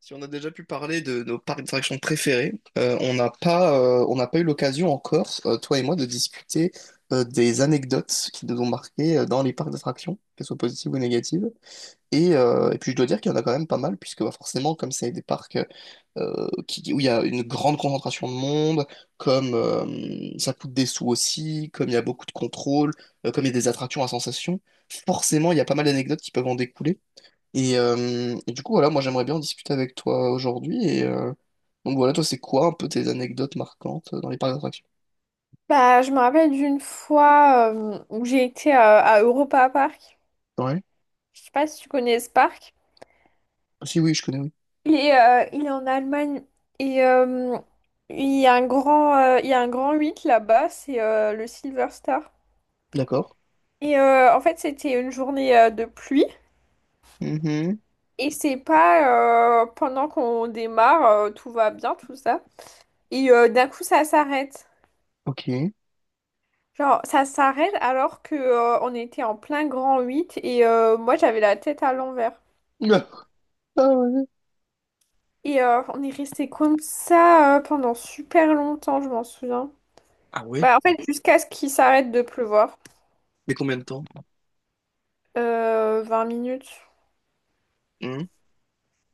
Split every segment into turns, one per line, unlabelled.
Si on a déjà pu parler de nos parcs d'attractions préférés, on n'a pas eu l'occasion encore, toi et moi, de discuter des anecdotes qui nous ont marquées dans les parcs d'attractions, qu'elles soient positives ou négatives. Et puis je dois dire qu'il y en a quand même pas mal, puisque bah, forcément, comme c'est des parcs qui, où il y a une grande concentration de monde, comme ça coûte des sous aussi, comme il y a beaucoup de contrôle, comme il y a des attractions à sensations, forcément, il y a pas mal d'anecdotes qui peuvent en découler. Et du coup, voilà, moi j'aimerais bien en discuter avec toi aujourd'hui. Donc voilà, toi, c'est quoi un peu tes anecdotes marquantes dans les parcs d'attractions?
Bah, je me rappelle d'une fois où j'ai été à Europa Park.
Ouais.
Je sais pas si tu connais ce parc.
Ah, si oui, je connais, oui.
Il est en Allemagne et il y a un grand, il y a un grand 8 là-bas, c'est le Silver Star.
D'accord.
Et en fait, c'était une journée de pluie
Mhm.
et c'est pas pendant qu'on démarre, tout va bien, tout ça. Et d'un coup, ça s'arrête.
Ok.
Genre, ça s'arrête alors que on était en plein grand 8. Et moi, j'avais la tête à l'envers.
Ah, ah ouais.
Et on est resté comme ça pendant super longtemps, je m'en souviens.
Ah ouais?
Bah, en fait, jusqu'à ce qu'il s'arrête de pleuvoir.
Mais combien de temps?
20 minutes.
Mhm.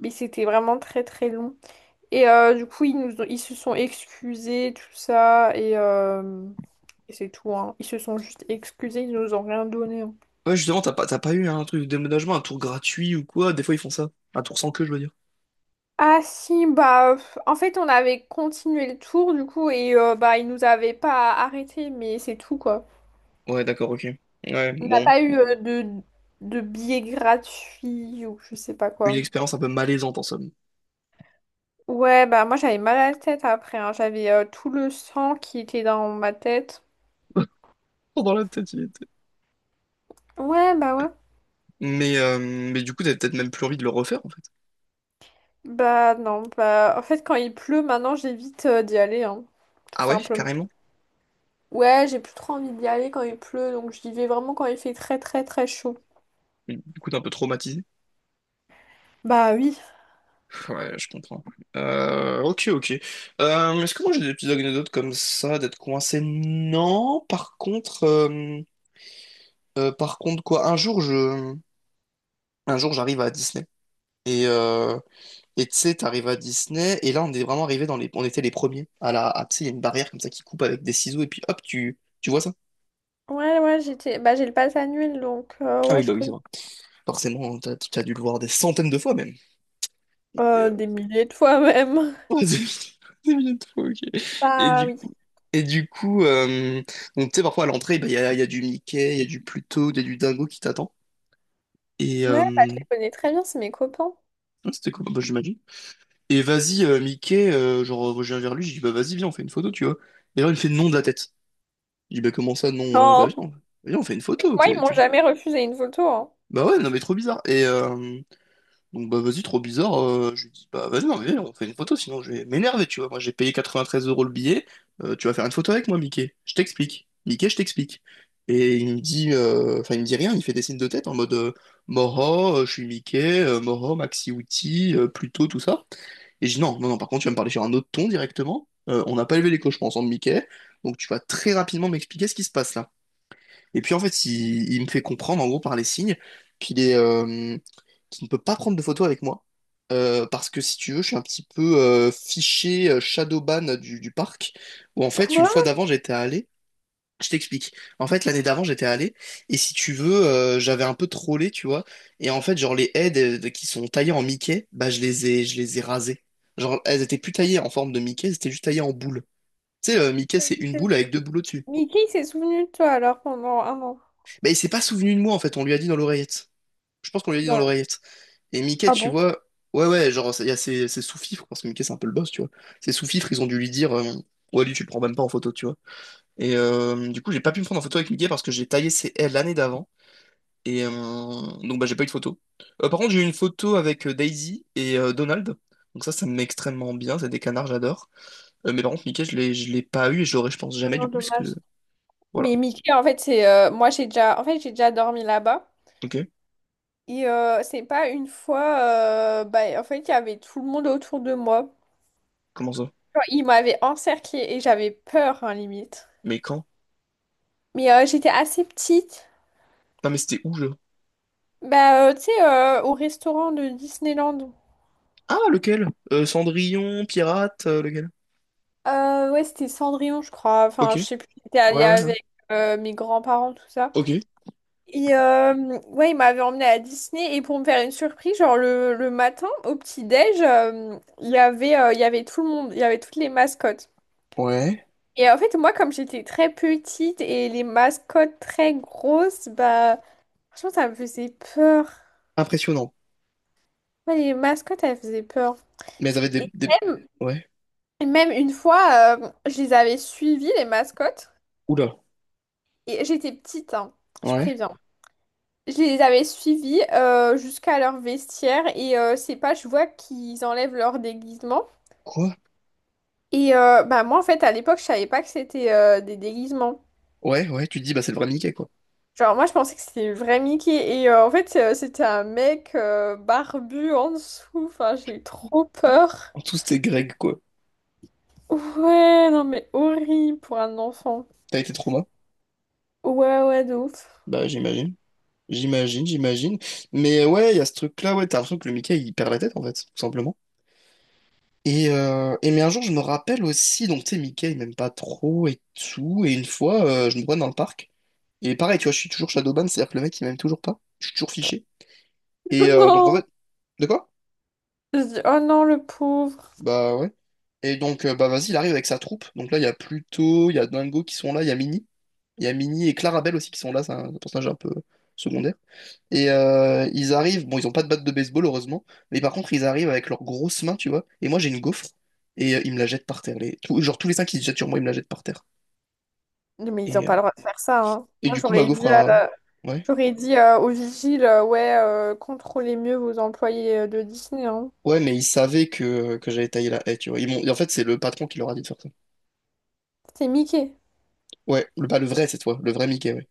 Mais c'était vraiment très très long. Et du coup, ils se sont excusés, tout ça. Et et c'est tout, hein. Ils se sont juste excusés, ils nous ont rien donné, hein.
Ouais, justement, t'as pas eu un truc de déménagement, un tour gratuit ou quoi? Des fois, ils font ça. Un tour sans queue, je veux dire.
Ah si, bah, pff, en fait, on avait continué le tour, du coup, et bah, ils nous avaient pas arrêté, mais c'est tout, quoi.
Ouais, d'accord, ok. Ouais,
On n'a
bon.
pas eu de billets gratuits ou je sais pas
Une
quoi.
expérience un peu malaisante en somme.
Ouais, bah moi j'avais mal à la tête après, hein. J'avais tout le sang qui était dans ma tête.
Dans la tête, il était.
Ouais.
Mais du coup, t'avais peut-être même plus envie de le refaire en fait.
Bah non, bah en fait quand il pleut maintenant j'évite d'y aller, hein. Tout
Ah ouais,
simplement.
carrément.
Ouais, j'ai plus trop envie d'y aller quand il pleut, donc j'y vais vraiment quand il fait très très très chaud.
Du coup, t'es un peu traumatisé.
Bah oui.
Ouais, je comprends. Ok, ok. Est-ce que moi j'ai des petites anecdotes comme ça, d'être coincé? Non, par contre quoi, un jour j'arrive à Disney et euh, et tu sais, t'arrives à Disney et là on est vraiment arrivé dans les, on était les premiers à la, à, tu sais, il y a une barrière comme ça qui coupe avec des ciseaux et puis hop, tu vois ça?
Ouais, ouais, j'étais... Bah j'ai le pass annuel, donc
Ah
ouais,
oui,
je
bah oui, c'est
connais.
vrai. Forcément, t'as dû le voir des centaines de fois même.
Des milliers de fois même.
C'est bien trop, ok. Et
Bah
du
oui.
coup, et du coup euh, donc, tu sais, parfois à l'entrée, bah, il y a du Mickey, il y a du Pluto, il y a du Dingo qui t'attend. Et
Ouais, bah
euh,
je les connais très bien, c'est mes copains.
ouais, c'était cool, bah, j'imagine. Et vas-y, Mickey, genre, moi, je viens vers lui, je dis, bah vas-y, viens, on fait une photo, tu vois. Et là, il me fait non de la tête. Je dis, bah comment ça, non? Bah
Non.
viens, viens, on fait une photo.
Moi, ils m'ont jamais refusé une photo, hein.
Bah ouais, non, mais trop bizarre. Donc bah vas-y, trop bizarre. Je lui dis, bah vas-y, non, mais viens, on fait une photo, sinon je vais m'énerver, tu vois. Moi j'ai payé 93 € le billet, tu vas faire une photo avec moi, Mickey. Je t'explique. Mickey, je t'explique. Et il me dit, enfin il me dit rien, il fait des signes de tête en mode Moro, je suis Mickey, Moro, Maxi Outi, Pluto, tout ça. Et je dis non, non, non, par contre tu vas me parler sur un autre ton directement. On n'a pas élevé les cochons ensemble, Mickey, donc tu vas très rapidement m'expliquer ce qui se passe là. Et puis en fait, il me fait comprendre en gros par les signes qu'il est, qui ne peut pas prendre de photos avec moi. Parce que si tu veux, je suis un petit peu fiché shadowban du parc, où en fait, une
Quoi?
fois d'avant, j'étais allé. Je t'explique. En fait, l'année d'avant, j'étais allé, et si tu veux, j'avais un peu trollé, tu vois. Et en fait, genre, les haies qui sont taillées en Mickey, bah, je les ai rasées. Genre, elles étaient plus taillées en forme de Mickey, elles étaient juste taillées en boule. Tu sais, Mickey, c'est une boule avec deux boules au-dessus.
Mickey il s'est souvenu de toi alors pendant un an.
Bah, il s'est pas souvenu de moi, en fait, on lui a dit dans l'oreillette. Je pense qu'on lui a dit dans
Bah,
l'oreillette. Et Mickey,
ah
tu
bon?
vois, ouais, ouais, genre, il y a ces sous-fifres, parce que Mickey, c'est un peu le boss, tu vois. Ces sous-fifres, ils ont dû lui dire, ouais, lui, tu le prends même pas en photo, tu vois. Du coup, j'ai pas pu me prendre en photo avec Mickey parce que j'ai taillé ses ailes l'année d'avant. Donc, bah, j'ai pas eu de photo. Par contre, j'ai eu une photo avec Daisy et Donald. Donc, ça me met extrêmement bien. C'est des canards, j'adore. Mais par contre, Mickey, je l'ai pas eu et je l'aurai, je pense, jamais,
Non,
du coup, puisque.
dommage.
Voilà.
Mais Mickey, en fait, c'est moi j'ai déjà en fait j'ai déjà dormi là-bas
Ok.
et c'est pas une fois bah en fait il y avait tout le monde autour de moi.
Comment ça?
Genre, ils m'avaient encerclée et j'avais peur hein, limite.
Mais quand?
Mais j'étais assez petite.
Non, mais c'était où, je.
Bah tu sais au restaurant de Disneyland.
Ah, lequel? Cendrillon, Pirate, lequel?
Ouais, c'était Cendrillon, je crois.
Ok.
Enfin, je sais plus, j'étais
Ouais,
allée
ouais, ouais.
avec mes grands-parents, tout ça.
Ok.
Et ouais, il m'avait emmenée à Disney. Et pour me faire une surprise, genre le matin, au petit-déj, il y avait tout le monde, il y avait toutes les mascottes.
Ouais.
Et en fait, moi, comme j'étais très petite et les mascottes très grosses, bah, franchement, ça me faisait peur.
Impressionnant.
Ouais, les mascottes, elles faisaient peur.
Mais elles avaient
Et
des...
même,
Ouais.
et même une fois, je les avais suivies, les mascottes.
Oula.
Et j'étais petite, hein, je
Ouais.
préviens. Je les avais suivis jusqu'à leur vestiaire et c'est pas, je vois qu'ils enlèvent leur déguisement.
Quoi?
Et bah moi en fait à l'époque je savais pas que c'était des déguisements.
Ouais, ouais, tu te dis, bah c'est le vrai Mickey, quoi.
Genre moi je pensais que c'était le vrai Mickey et en fait c'était un mec barbu en dessous. Enfin j'ai eu trop peur.
En tout, c'était Greg, quoi.
Ouais non mais horrible pour un enfant.
T'as été trauma?
Ouais ouais de ouf.
Bah j'imagine. J'imagine, j'imagine. Mais ouais, il y a ce truc-là, ouais, t'as l'impression que le Mickey, il perd la tête, en fait, tout simplement. Et mais un jour, je me rappelle aussi, donc tu sais, Mickey, il m'aime pas trop et tout. Et une fois, je me vois dans le parc. Et pareil, tu vois, je suis toujours Shadowban, c'est-à-dire que le mec, il m'aime toujours pas. Je suis toujours fiché. Donc en
Non.
fait... De quoi?
Je dis, oh non le pauvre.
Bah ouais. Bah vas-y, il arrive avec sa troupe. Donc là, il y a Pluto, il y a Dingo qui sont là, il y a Minnie. Il y a Minnie et Clarabelle aussi qui sont là, c'est un personnage un peu secondaire. Ils arrivent, bon, ils ont pas de batte de baseball, heureusement, mais par contre, ils arrivent avec leurs grosses mains, tu vois. Et moi, j'ai une gaufre, ils me la jettent par terre. Les... tout- genre, tous les cinq qui se jettent sur moi, ils me la jettent par terre.
Non, mais ils ont
Et, euh,
pas le droit de faire ça hein.
et
Moi
du coup, ma
j'aurais
gaufre
dit à
a.
la-
Ouais.
J'aurais dit au vigile, ouais, contrôlez mieux vos employés de Disney, hein.
Ouais, mais ils savaient que j'avais taillé la haie, tu vois. Ils m'ont- et en fait, c'est le patron qui leur a dit de faire ça.
C'est Mickey.
Ouais, le, pas le vrai cette fois, le vrai Mickey, ouais.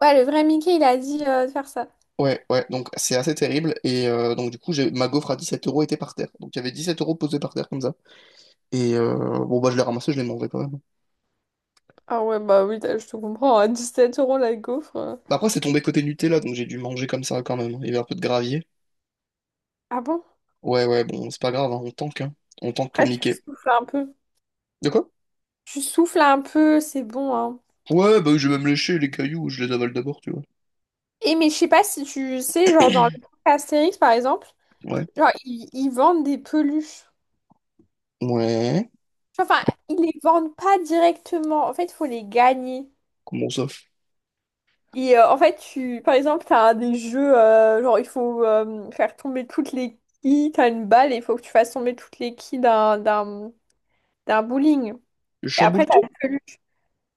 Ouais, le vrai Mickey, il a dit de faire ça.
Ouais, ouais, donc c'est assez terrible. Donc, du coup, j'ai ma gaufre à 17 € était par terre. Donc, il y avait 17 € posés par terre comme ça. Et euh, bon, bah, je l'ai ramassé, je l'ai mangé quand même.
Ah ouais, bah oui, je te comprends, à 17 euros la gaufre, euh.
Bah, après, c'est tombé côté Nutella, donc j'ai dû manger comme ça quand même. Il y avait un peu de gravier.
Ah bon?
Ouais, ouais, bon, c'est pas grave, hein. On tank pour
Après, tu
Mickey.
souffles un peu.
De quoi?
Tu souffles un peu, c'est bon, hein.
Ouais, bah, je vais même lécher les cailloux, je les avale d'abord, tu vois.
Et mais je sais pas si tu sais, genre dans le parc Astérix, par exemple,
Ouais.
genre, ils vendent des peluches.
Ouais.
Enfin, ils les vendent pas directement. En fait, il faut les gagner.
Comment ça?
Et en fait, par exemple, tu as des jeux, genre il faut faire tomber toutes les quilles, tu as une balle et il faut que tu fasses tomber toutes les quilles d'un bowling.
Je
Et après,
chamboule
tu as
tout?
une peluche.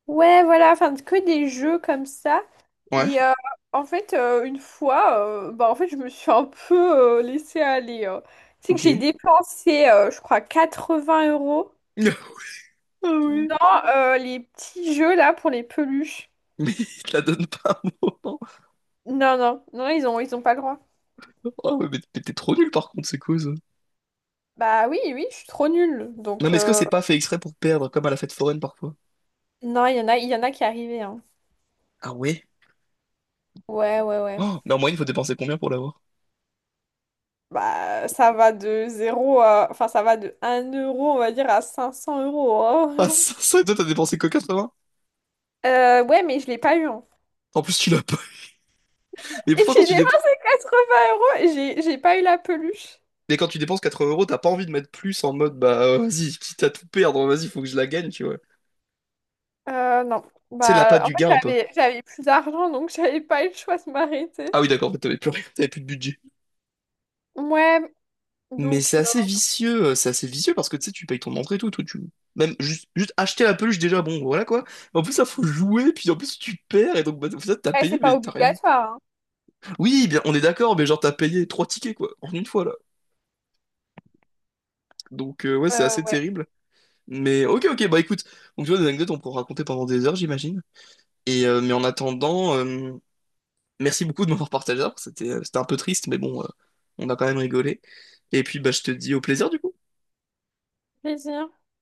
Ouais, voilà, enfin, que des jeux comme ça.
Ouais.
Et euh, une fois, je me suis un peu laissée aller, euh. Tu sais que
Ok.
j'ai dépensé, je crois, 80 euros
Ah oui.
dans les petits jeux là pour les peluches.
Mais il te la donne pas un moment.
Non, non, non, ils ont pas le droit.
Oh, mais t'es trop nul par contre, c'est quoi ça?
Bah oui, oui, je suis trop nulle.
Non,
Donc,
mais est-ce que c'est pas fait exprès pour perdre, comme à la fête foraine parfois?
non, il y en a qui arrivaient, hein.
Ah ouais?
Ouais, ouais, ouais.
Oh, mais en moyenne, il faut dépenser combien pour l'avoir?
Bah, ça va de zéro à... Enfin, ça va de 1 euro, on va dire, à 500 euros,
Ah,
hein.
ça, et toi, t'as dépensé que 80?
Ouais, mais je l'ai pas eu, hein.
En plus, tu l'as pas. Mais
Et
pourtant,
j'ai dépensé 80 euros et j'ai pas eu la peluche.
mais quand tu dépenses 80 euros, t'as pas envie de mettre plus en mode, bah, vas-y, quitte à tout perdre, vas-y, faut que je la gagne, tu vois.
Non.
C'est la patte
Bah, en
du gain,
fait,
un peu.
j'avais plus d'argent, donc j'avais pas eu le choix de m'arrêter.
Ah oui, d'accord, en fait, t'avais plus rien, t'avais plus de budget.
Ouais,
Mais
donc,
c'est assez vicieux parce que, tu sais, tu payes ton entrée et tout, tout, tu... Même juste acheter la peluche, déjà, bon, voilà, quoi. En plus, ça, faut jouer, puis en plus, tu perds, et donc, bah, en fait, t'as
ouais, c'est
payé,
pas
mais t'as rien
obligatoire, hein.
Oui, bien, on est d'accord, mais genre t'as payé 3 tickets quoi, en une fois là. Ouais, c'est assez
Ouais.
terrible. Mais ok, ok, bah écoute, donc tu vois, des anecdotes on peut en raconter pendant des heures, j'imagine. Mais en attendant, merci beaucoup de m'avoir partagé, ça, c'était c'était un peu triste, mais bon, on a quand même rigolé. Et puis bah je te dis au plaisir du coup.
Plaisir.